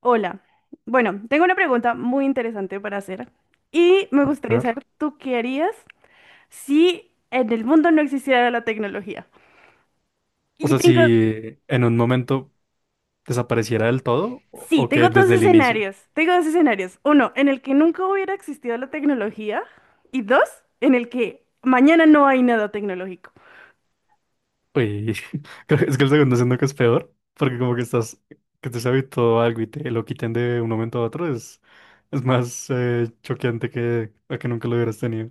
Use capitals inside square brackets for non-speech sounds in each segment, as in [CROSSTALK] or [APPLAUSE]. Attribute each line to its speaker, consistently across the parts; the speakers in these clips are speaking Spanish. Speaker 1: Hola. Bueno, tengo una pregunta muy interesante para hacer y me
Speaker 2: A
Speaker 1: gustaría
Speaker 2: ver.
Speaker 1: saber, ¿tú qué harías si en el mundo no existiera la tecnología?
Speaker 2: O
Speaker 1: Y
Speaker 2: sea,
Speaker 1: tengo,
Speaker 2: si en un momento desapareciera del todo o,
Speaker 1: sí,
Speaker 2: o que
Speaker 1: tengo dos
Speaker 2: desde el inicio.
Speaker 1: escenarios. Tengo dos escenarios. Uno, en el que nunca hubiera existido la tecnología y dos, en el que mañana no hay nada tecnológico.
Speaker 2: Uy, [LAUGHS] creo que es que el segundo siento que es peor, porque como que estás, que te has habituado a algo y te lo quiten de un momento a otro, es más choqueante que a que nunca lo hubieras tenido.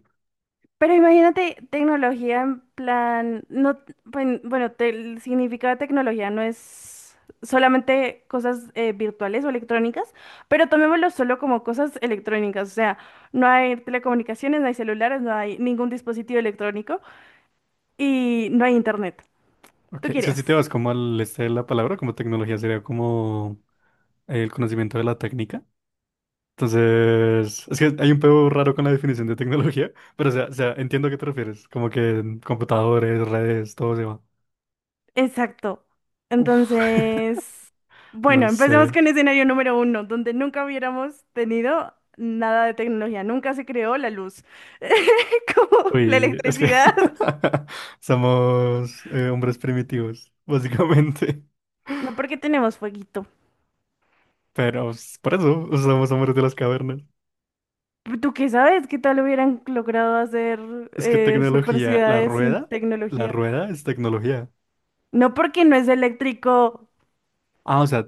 Speaker 1: Pero imagínate tecnología en plan, no, bueno, el significado de tecnología no es solamente cosas virtuales o electrónicas, pero tomémoslo solo como cosas electrónicas, o sea, no hay telecomunicaciones, no hay celulares, no hay ningún dispositivo electrónico y no hay internet. ¿Tú
Speaker 2: Ok, es que
Speaker 1: querías?
Speaker 2: si te vas como al este de la palabra, como tecnología sería como el conocimiento de la técnica. Entonces, es que hay un pedo raro con la definición de tecnología, pero o sea, entiendo a qué te refieres, como que en computadores, redes, todo se va.
Speaker 1: Exacto.
Speaker 2: Uf,
Speaker 1: Entonces,
Speaker 2: [LAUGHS]
Speaker 1: bueno,
Speaker 2: no
Speaker 1: empecemos
Speaker 2: sé.
Speaker 1: con escenario número uno, donde nunca hubiéramos tenido nada de tecnología, nunca se creó la luz, [LAUGHS] como la
Speaker 2: Uy, es que
Speaker 1: electricidad.
Speaker 2: [LAUGHS] somos hombres primitivos, [LAUGHS] básicamente.
Speaker 1: No, porque tenemos fueguito.
Speaker 2: Pero pues, por eso somos hombres de las cavernas.
Speaker 1: ¿Tú qué sabes? ¿Qué tal hubieran logrado hacer
Speaker 2: Es que
Speaker 1: super
Speaker 2: tecnología,
Speaker 1: ciudades sin
Speaker 2: la
Speaker 1: tecnología?
Speaker 2: rueda es tecnología.
Speaker 1: No porque no es eléctrico,
Speaker 2: Ah, o sea,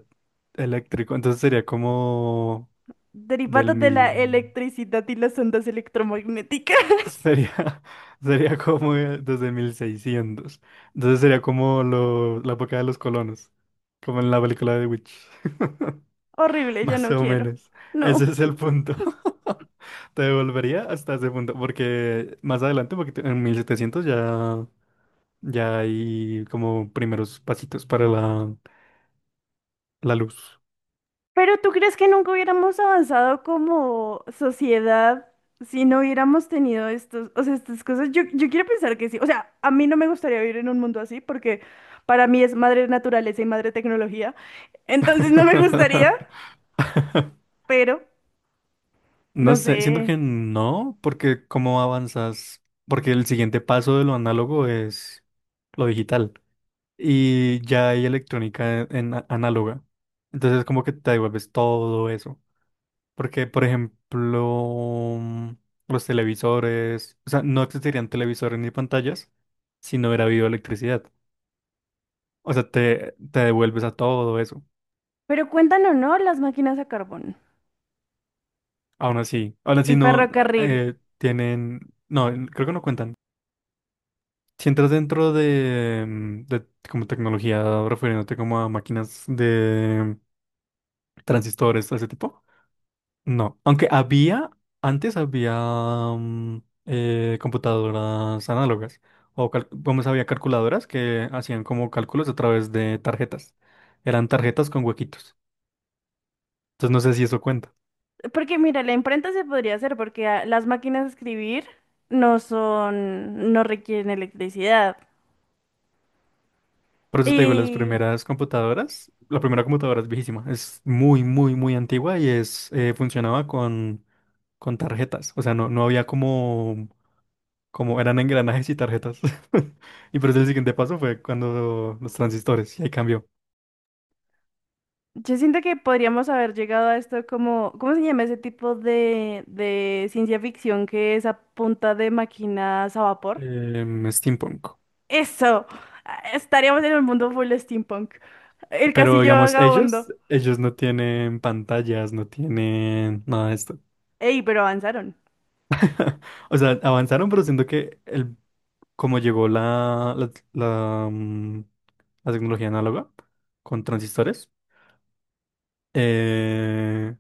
Speaker 2: eléctrico. Entonces sería como
Speaker 1: derivado
Speaker 2: del
Speaker 1: de la
Speaker 2: mil...
Speaker 1: electricidad y las ondas electromagnéticas. [LAUGHS]
Speaker 2: Sería, [LAUGHS] sería como desde 1600. Entonces sería como la época de los colonos, como en la película de The Witch.
Speaker 1: Horrible, yo
Speaker 2: Más
Speaker 1: no
Speaker 2: o
Speaker 1: quiero.
Speaker 2: menos. Ese
Speaker 1: No.
Speaker 2: es el punto. [LAUGHS] Te devolvería hasta ese punto, porque más adelante, en 1700 ya hay como primeros pasitos para la luz.
Speaker 1: Pero ¿tú crees que nunca hubiéramos avanzado como sociedad si no hubiéramos tenido estos, o sea, estas cosas? Yo quiero pensar que sí. O sea, a mí no me gustaría vivir en un mundo así porque para mí es madre naturaleza y madre tecnología. Entonces no me gustaría,
Speaker 2: [LAUGHS]
Speaker 1: pero
Speaker 2: No
Speaker 1: no
Speaker 2: sé, siento
Speaker 1: sé.
Speaker 2: que no, porque cómo avanzas, porque el siguiente paso de lo análogo es lo digital y ya hay electrónica en, análoga. Entonces como que te devuelves todo eso. Porque, por ejemplo, los televisores, o sea, no existirían televisores ni pantallas si no hubiera habido electricidad. O sea, te devuelves a todo eso.
Speaker 1: Pero cuentan o no las máquinas a carbón,
Speaker 2: Aún así
Speaker 1: el
Speaker 2: no
Speaker 1: ferrocarril.
Speaker 2: tienen, no, creo que no cuentan. Si entras dentro de, de como tecnología, refiriéndote como a máquinas de transistores, ese tipo. No, antes había mm, computadoras análogas, vamos, había calculadoras que hacían como cálculos a través de tarjetas. Eran tarjetas con huequitos. Entonces no sé si eso cuenta.
Speaker 1: Porque mira, la imprenta se podría hacer porque las máquinas de escribir no son, no requieren electricidad.
Speaker 2: Por eso te digo, las
Speaker 1: Y
Speaker 2: primeras computadoras, la primera computadora es viejísima, es muy antigua y funcionaba con tarjetas. O sea, no había como, como eran engranajes y tarjetas. [LAUGHS] Y por eso el siguiente paso fue cuando los transistores, y ahí cambió.
Speaker 1: yo siento que podríamos haber llegado a esto como, ¿cómo se llama ese tipo de ciencia ficción que es a punta de máquinas a vapor?
Speaker 2: Em, steampunk.
Speaker 1: Eso, ah, estaríamos en el mundo full steampunk. El
Speaker 2: Pero
Speaker 1: castillo
Speaker 2: digamos,
Speaker 1: vagabundo.
Speaker 2: ellos no tienen pantallas, no tienen nada de esto.
Speaker 1: Ey, pero avanzaron.
Speaker 2: O sea, avanzaron, pero siento que como llegó la tecnología análoga con transistores, eh,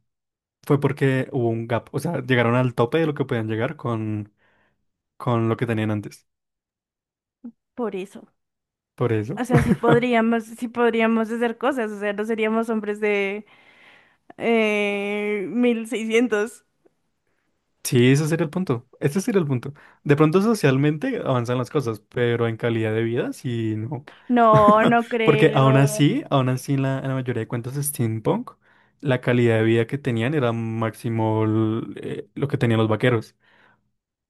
Speaker 2: fue porque hubo un gap. O sea, llegaron al tope de lo que podían llegar con lo que tenían antes.
Speaker 1: Por eso.
Speaker 2: Por
Speaker 1: O
Speaker 2: eso.
Speaker 1: sea,
Speaker 2: [LAUGHS]
Speaker 1: sí podríamos hacer cosas. O sea, no seríamos hombres de 1600.
Speaker 2: Sí, ese sería el punto. Ese sería el punto. De pronto socialmente avanzan las cosas, pero en calidad de vida, sí, no.
Speaker 1: No, no
Speaker 2: Porque
Speaker 1: creo.
Speaker 2: aún así en en la mayoría de cuentos de steampunk, la calidad de vida que tenían era máximo lo que tenían los vaqueros.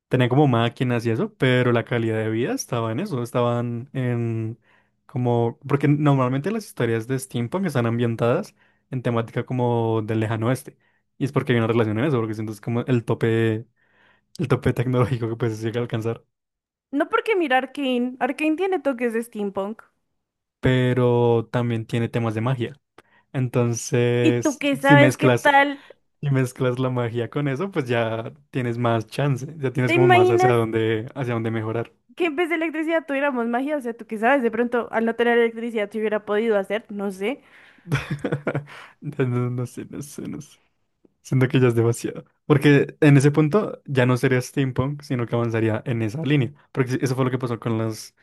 Speaker 2: Tenían como máquinas y eso, pero la calidad de vida estaba en eso, estaban en como... Porque normalmente las historias de steampunk están ambientadas en temática como del lejano oeste. Y es porque hay una relación en eso, porque siento es como el tope tecnológico que pues se llega a alcanzar.
Speaker 1: No porque mira Arkane. Arkane tiene toques de steampunk.
Speaker 2: Pero también tiene temas de magia.
Speaker 1: ¿Y tú
Speaker 2: Entonces,
Speaker 1: qué
Speaker 2: si
Speaker 1: sabes qué
Speaker 2: mezclas
Speaker 1: tal?
Speaker 2: y mezclas la magia con eso, pues ya tienes más chance, ya tienes
Speaker 1: ¿Te
Speaker 2: como más
Speaker 1: imaginas
Speaker 2: hacia dónde mejorar.
Speaker 1: que en vez de electricidad tuviéramos magia? O sea, tú qué sabes, de pronto al no tener electricidad se hubiera podido hacer, no sé.
Speaker 2: [LAUGHS] No sé, no sé. Siento que ya es demasiado. Porque en ese punto ya no sería steampunk, sino que avanzaría en esa línea. Porque sí, eso fue lo que pasó con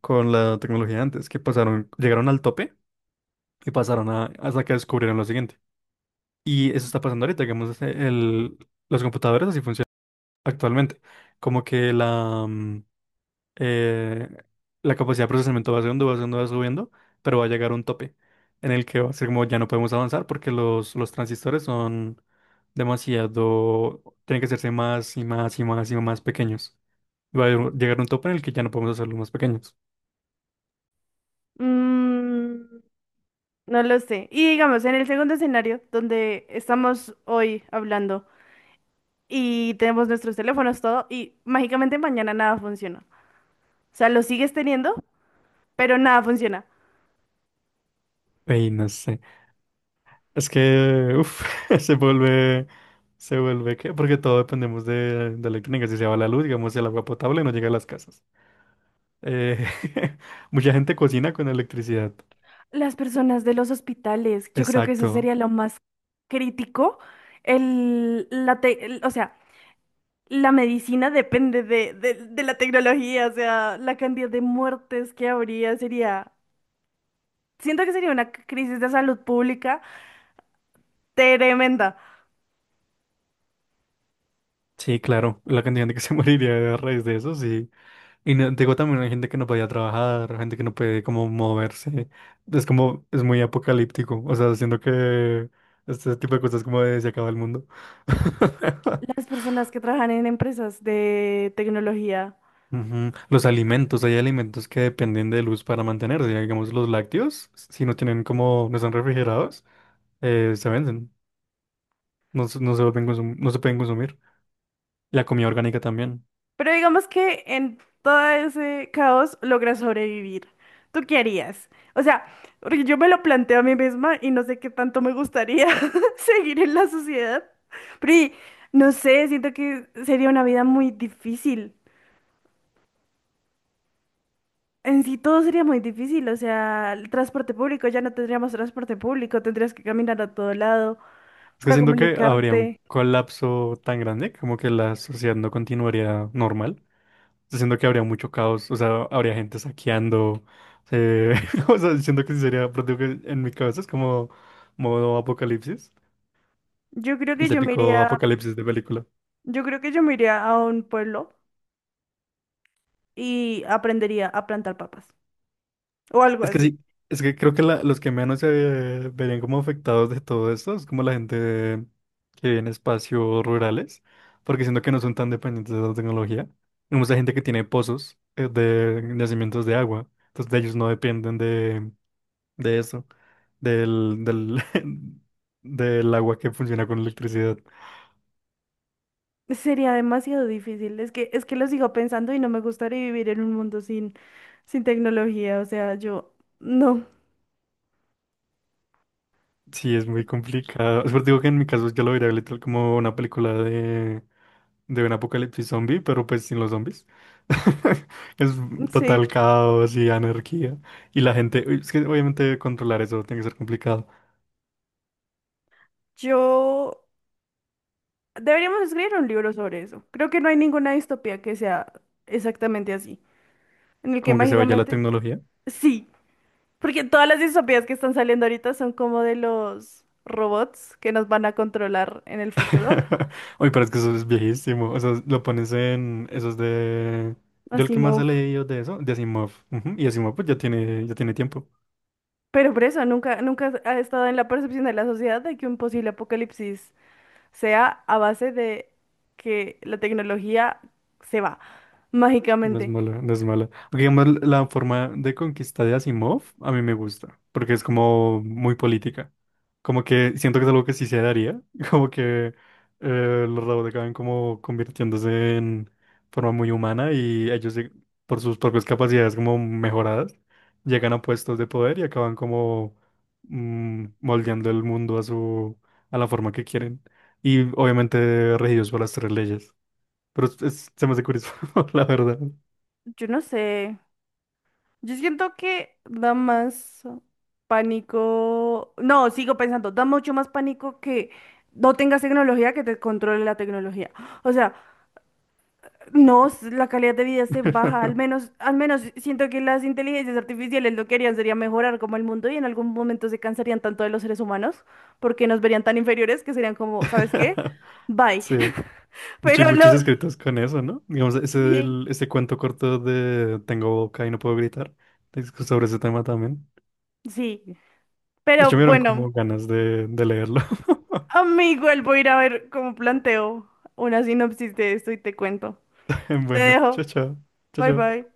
Speaker 2: con la tecnología antes, que pasaron, llegaron al tope y pasaron a, hasta que descubrieron lo siguiente. Y eso está pasando ahorita, digamos, los computadores así funcionan actualmente. Como que eh, la capacidad de procesamiento va subiendo, pero va a llegar a un tope en el que va a ser como ya no podemos avanzar porque los transistores son demasiado, tienen que hacerse más y más pequeños. Y va a llegar a un tope en el que ya no podemos hacerlos más pequeños.
Speaker 1: Mm, no lo sé. Y digamos, en el segundo escenario, donde estamos hoy hablando y tenemos nuestros teléfonos, todo, y mágicamente mañana nada funciona. O sea, lo sigues teniendo, pero nada funciona.
Speaker 2: Y no sé, es que, uff, [LAUGHS] se vuelve, se vuelve que, porque todo dependemos de electrónica, si se va la luz, digamos, si el agua potable no llega a las casas. Eh, [LAUGHS] mucha gente cocina con electricidad.
Speaker 1: Las personas de los hospitales, yo creo que eso
Speaker 2: Exacto.
Speaker 1: sería lo más crítico. El, la te- el- o sea, la medicina depende de la tecnología, o sea, la cantidad de muertes que habría sería, siento que sería una crisis de salud pública tremenda.
Speaker 2: Sí, claro, la cantidad de gente que se [LAUGHS] moriría a raíz de eso, sí. Digo también hay gente que no podía trabajar, gente que no puede como moverse. Es como, es muy apocalíptico. O sea, siento que este tipo de cosas como de se acaba el mundo. [LAUGHS]
Speaker 1: Las personas que trabajan en empresas de tecnología,
Speaker 2: Ujú. Los alimentos, hay alimentos que dependen de luz para mantenerse. Digamos, los lácteos, si no tienen como, no están refrigerados, se venden. No se vuelven no se pueden consumir. La comida orgánica también.
Speaker 1: pero digamos que en todo ese caos logra sobrevivir. ¿Tú qué harías? O sea, porque yo me lo planteo a mí misma y no sé qué tanto me gustaría [LAUGHS] seguir en la sociedad, pero y, no sé, siento que sería una vida muy difícil. En sí todo sería muy difícil, o sea, el transporte público, ya no tendríamos transporte público, tendrías que caminar a todo lado
Speaker 2: Es que
Speaker 1: para
Speaker 2: siento que habría un
Speaker 1: comunicarte.
Speaker 2: colapso tan grande como que la sociedad no continuaría normal. O sea, siento que habría mucho caos, o sea, habría gente saqueando. eh, [LAUGHS] o sea, siento que sí sería, pero digo que en mi cabeza es como modo apocalipsis,
Speaker 1: Yo creo
Speaker 2: el
Speaker 1: que yo me
Speaker 2: típico
Speaker 1: iría,
Speaker 2: apocalipsis de película.
Speaker 1: yo creo que yo me iría a un pueblo y aprendería a plantar papas o algo
Speaker 2: Es que
Speaker 1: así.
Speaker 2: sí, es que creo que los que menos se verían como afectados de todo esto es como la gente que vive en espacios rurales, porque siento que no son tan dependientes de la tecnología. Hay mucha gente que tiene pozos de nacimientos de agua, entonces de ellos no dependen de eso, del, del, [LAUGHS] del agua que funciona con electricidad.
Speaker 1: Sería demasiado difícil, es que lo sigo pensando y no me gustaría vivir en un mundo sin tecnología, o sea, yo no,
Speaker 2: Sí, es muy complicado. [LAUGHS] Es por eso digo que en mi caso yo lo vería literal como una película de un apocalipsis zombie, pero pues sin los zombies. [LAUGHS] Es total
Speaker 1: sí,
Speaker 2: caos y anarquía. Y la gente, uy, es que obviamente controlar eso tiene que ser complicado.
Speaker 1: yo deberíamos escribir un libro sobre eso. Creo que no hay ninguna distopía que sea exactamente así, en el que
Speaker 2: Como que se vaya la
Speaker 1: mágicamente...
Speaker 2: tecnología.
Speaker 1: Sí, porque todas las distopías que están saliendo ahorita son como de los robots que nos van a controlar en el futuro.
Speaker 2: [LAUGHS] Uy, pero es que eso es viejísimo. O sea, lo pones en esos de... Yo el que más he
Speaker 1: Asimov.
Speaker 2: leído de eso, de Asimov. Ujú, y Asimov pues ya tiene tiempo.
Speaker 1: Pero por eso, nunca ha estado en la percepción de la sociedad de que un posible apocalipsis sea a base de que la tecnología se va mágicamente.
Speaker 2: No es mala. Aunque, digamos, la forma de conquista de Asimov a mí me gusta, porque es como muy política. Como que siento que es algo que sí se daría, [LAUGHS] como que los robots acaban como convirtiéndose en forma muy humana y ellos por sus propias capacidades como mejoradas llegan a puestos de poder y acaban como moldeando el mundo a su a la forma que quieren y obviamente regidos por las 3 leyes. Pero se me hace curioso, [LAUGHS] la verdad.
Speaker 1: Yo no sé. Yo siento que da más pánico. No, sigo pensando, da mucho más pánico que no tengas tecnología que te controle la tecnología. O sea, no, s- la calidad de vida se baja.
Speaker 2: [LAUGHS]
Speaker 1: Al menos siento que las inteligencias artificiales lo que harían sería mejorar como el mundo y en algún momento se cansarían tanto de los seres humanos porque nos verían tan inferiores que serían como, ¿sabes qué? Bye.
Speaker 2: Sí. De
Speaker 1: [LAUGHS]
Speaker 2: hecho, hay
Speaker 1: Pero lo.
Speaker 2: muchos escritos con eso, ¿no? Digamos,
Speaker 1: Sí,
Speaker 2: ese cuento corto de Tengo boca y no puedo gritar, es sobre ese tema también.
Speaker 1: sí.
Speaker 2: De
Speaker 1: Pero
Speaker 2: hecho, me dieron
Speaker 1: bueno.
Speaker 2: como ganas de leerlo. [LAUGHS]
Speaker 1: Amigo, él voy a ir a ver cómo planteo una sinopsis de esto y te cuento. Te
Speaker 2: Bueno, chao,
Speaker 1: dejo.
Speaker 2: chao. Chao,
Speaker 1: Bye
Speaker 2: chao.
Speaker 1: bye.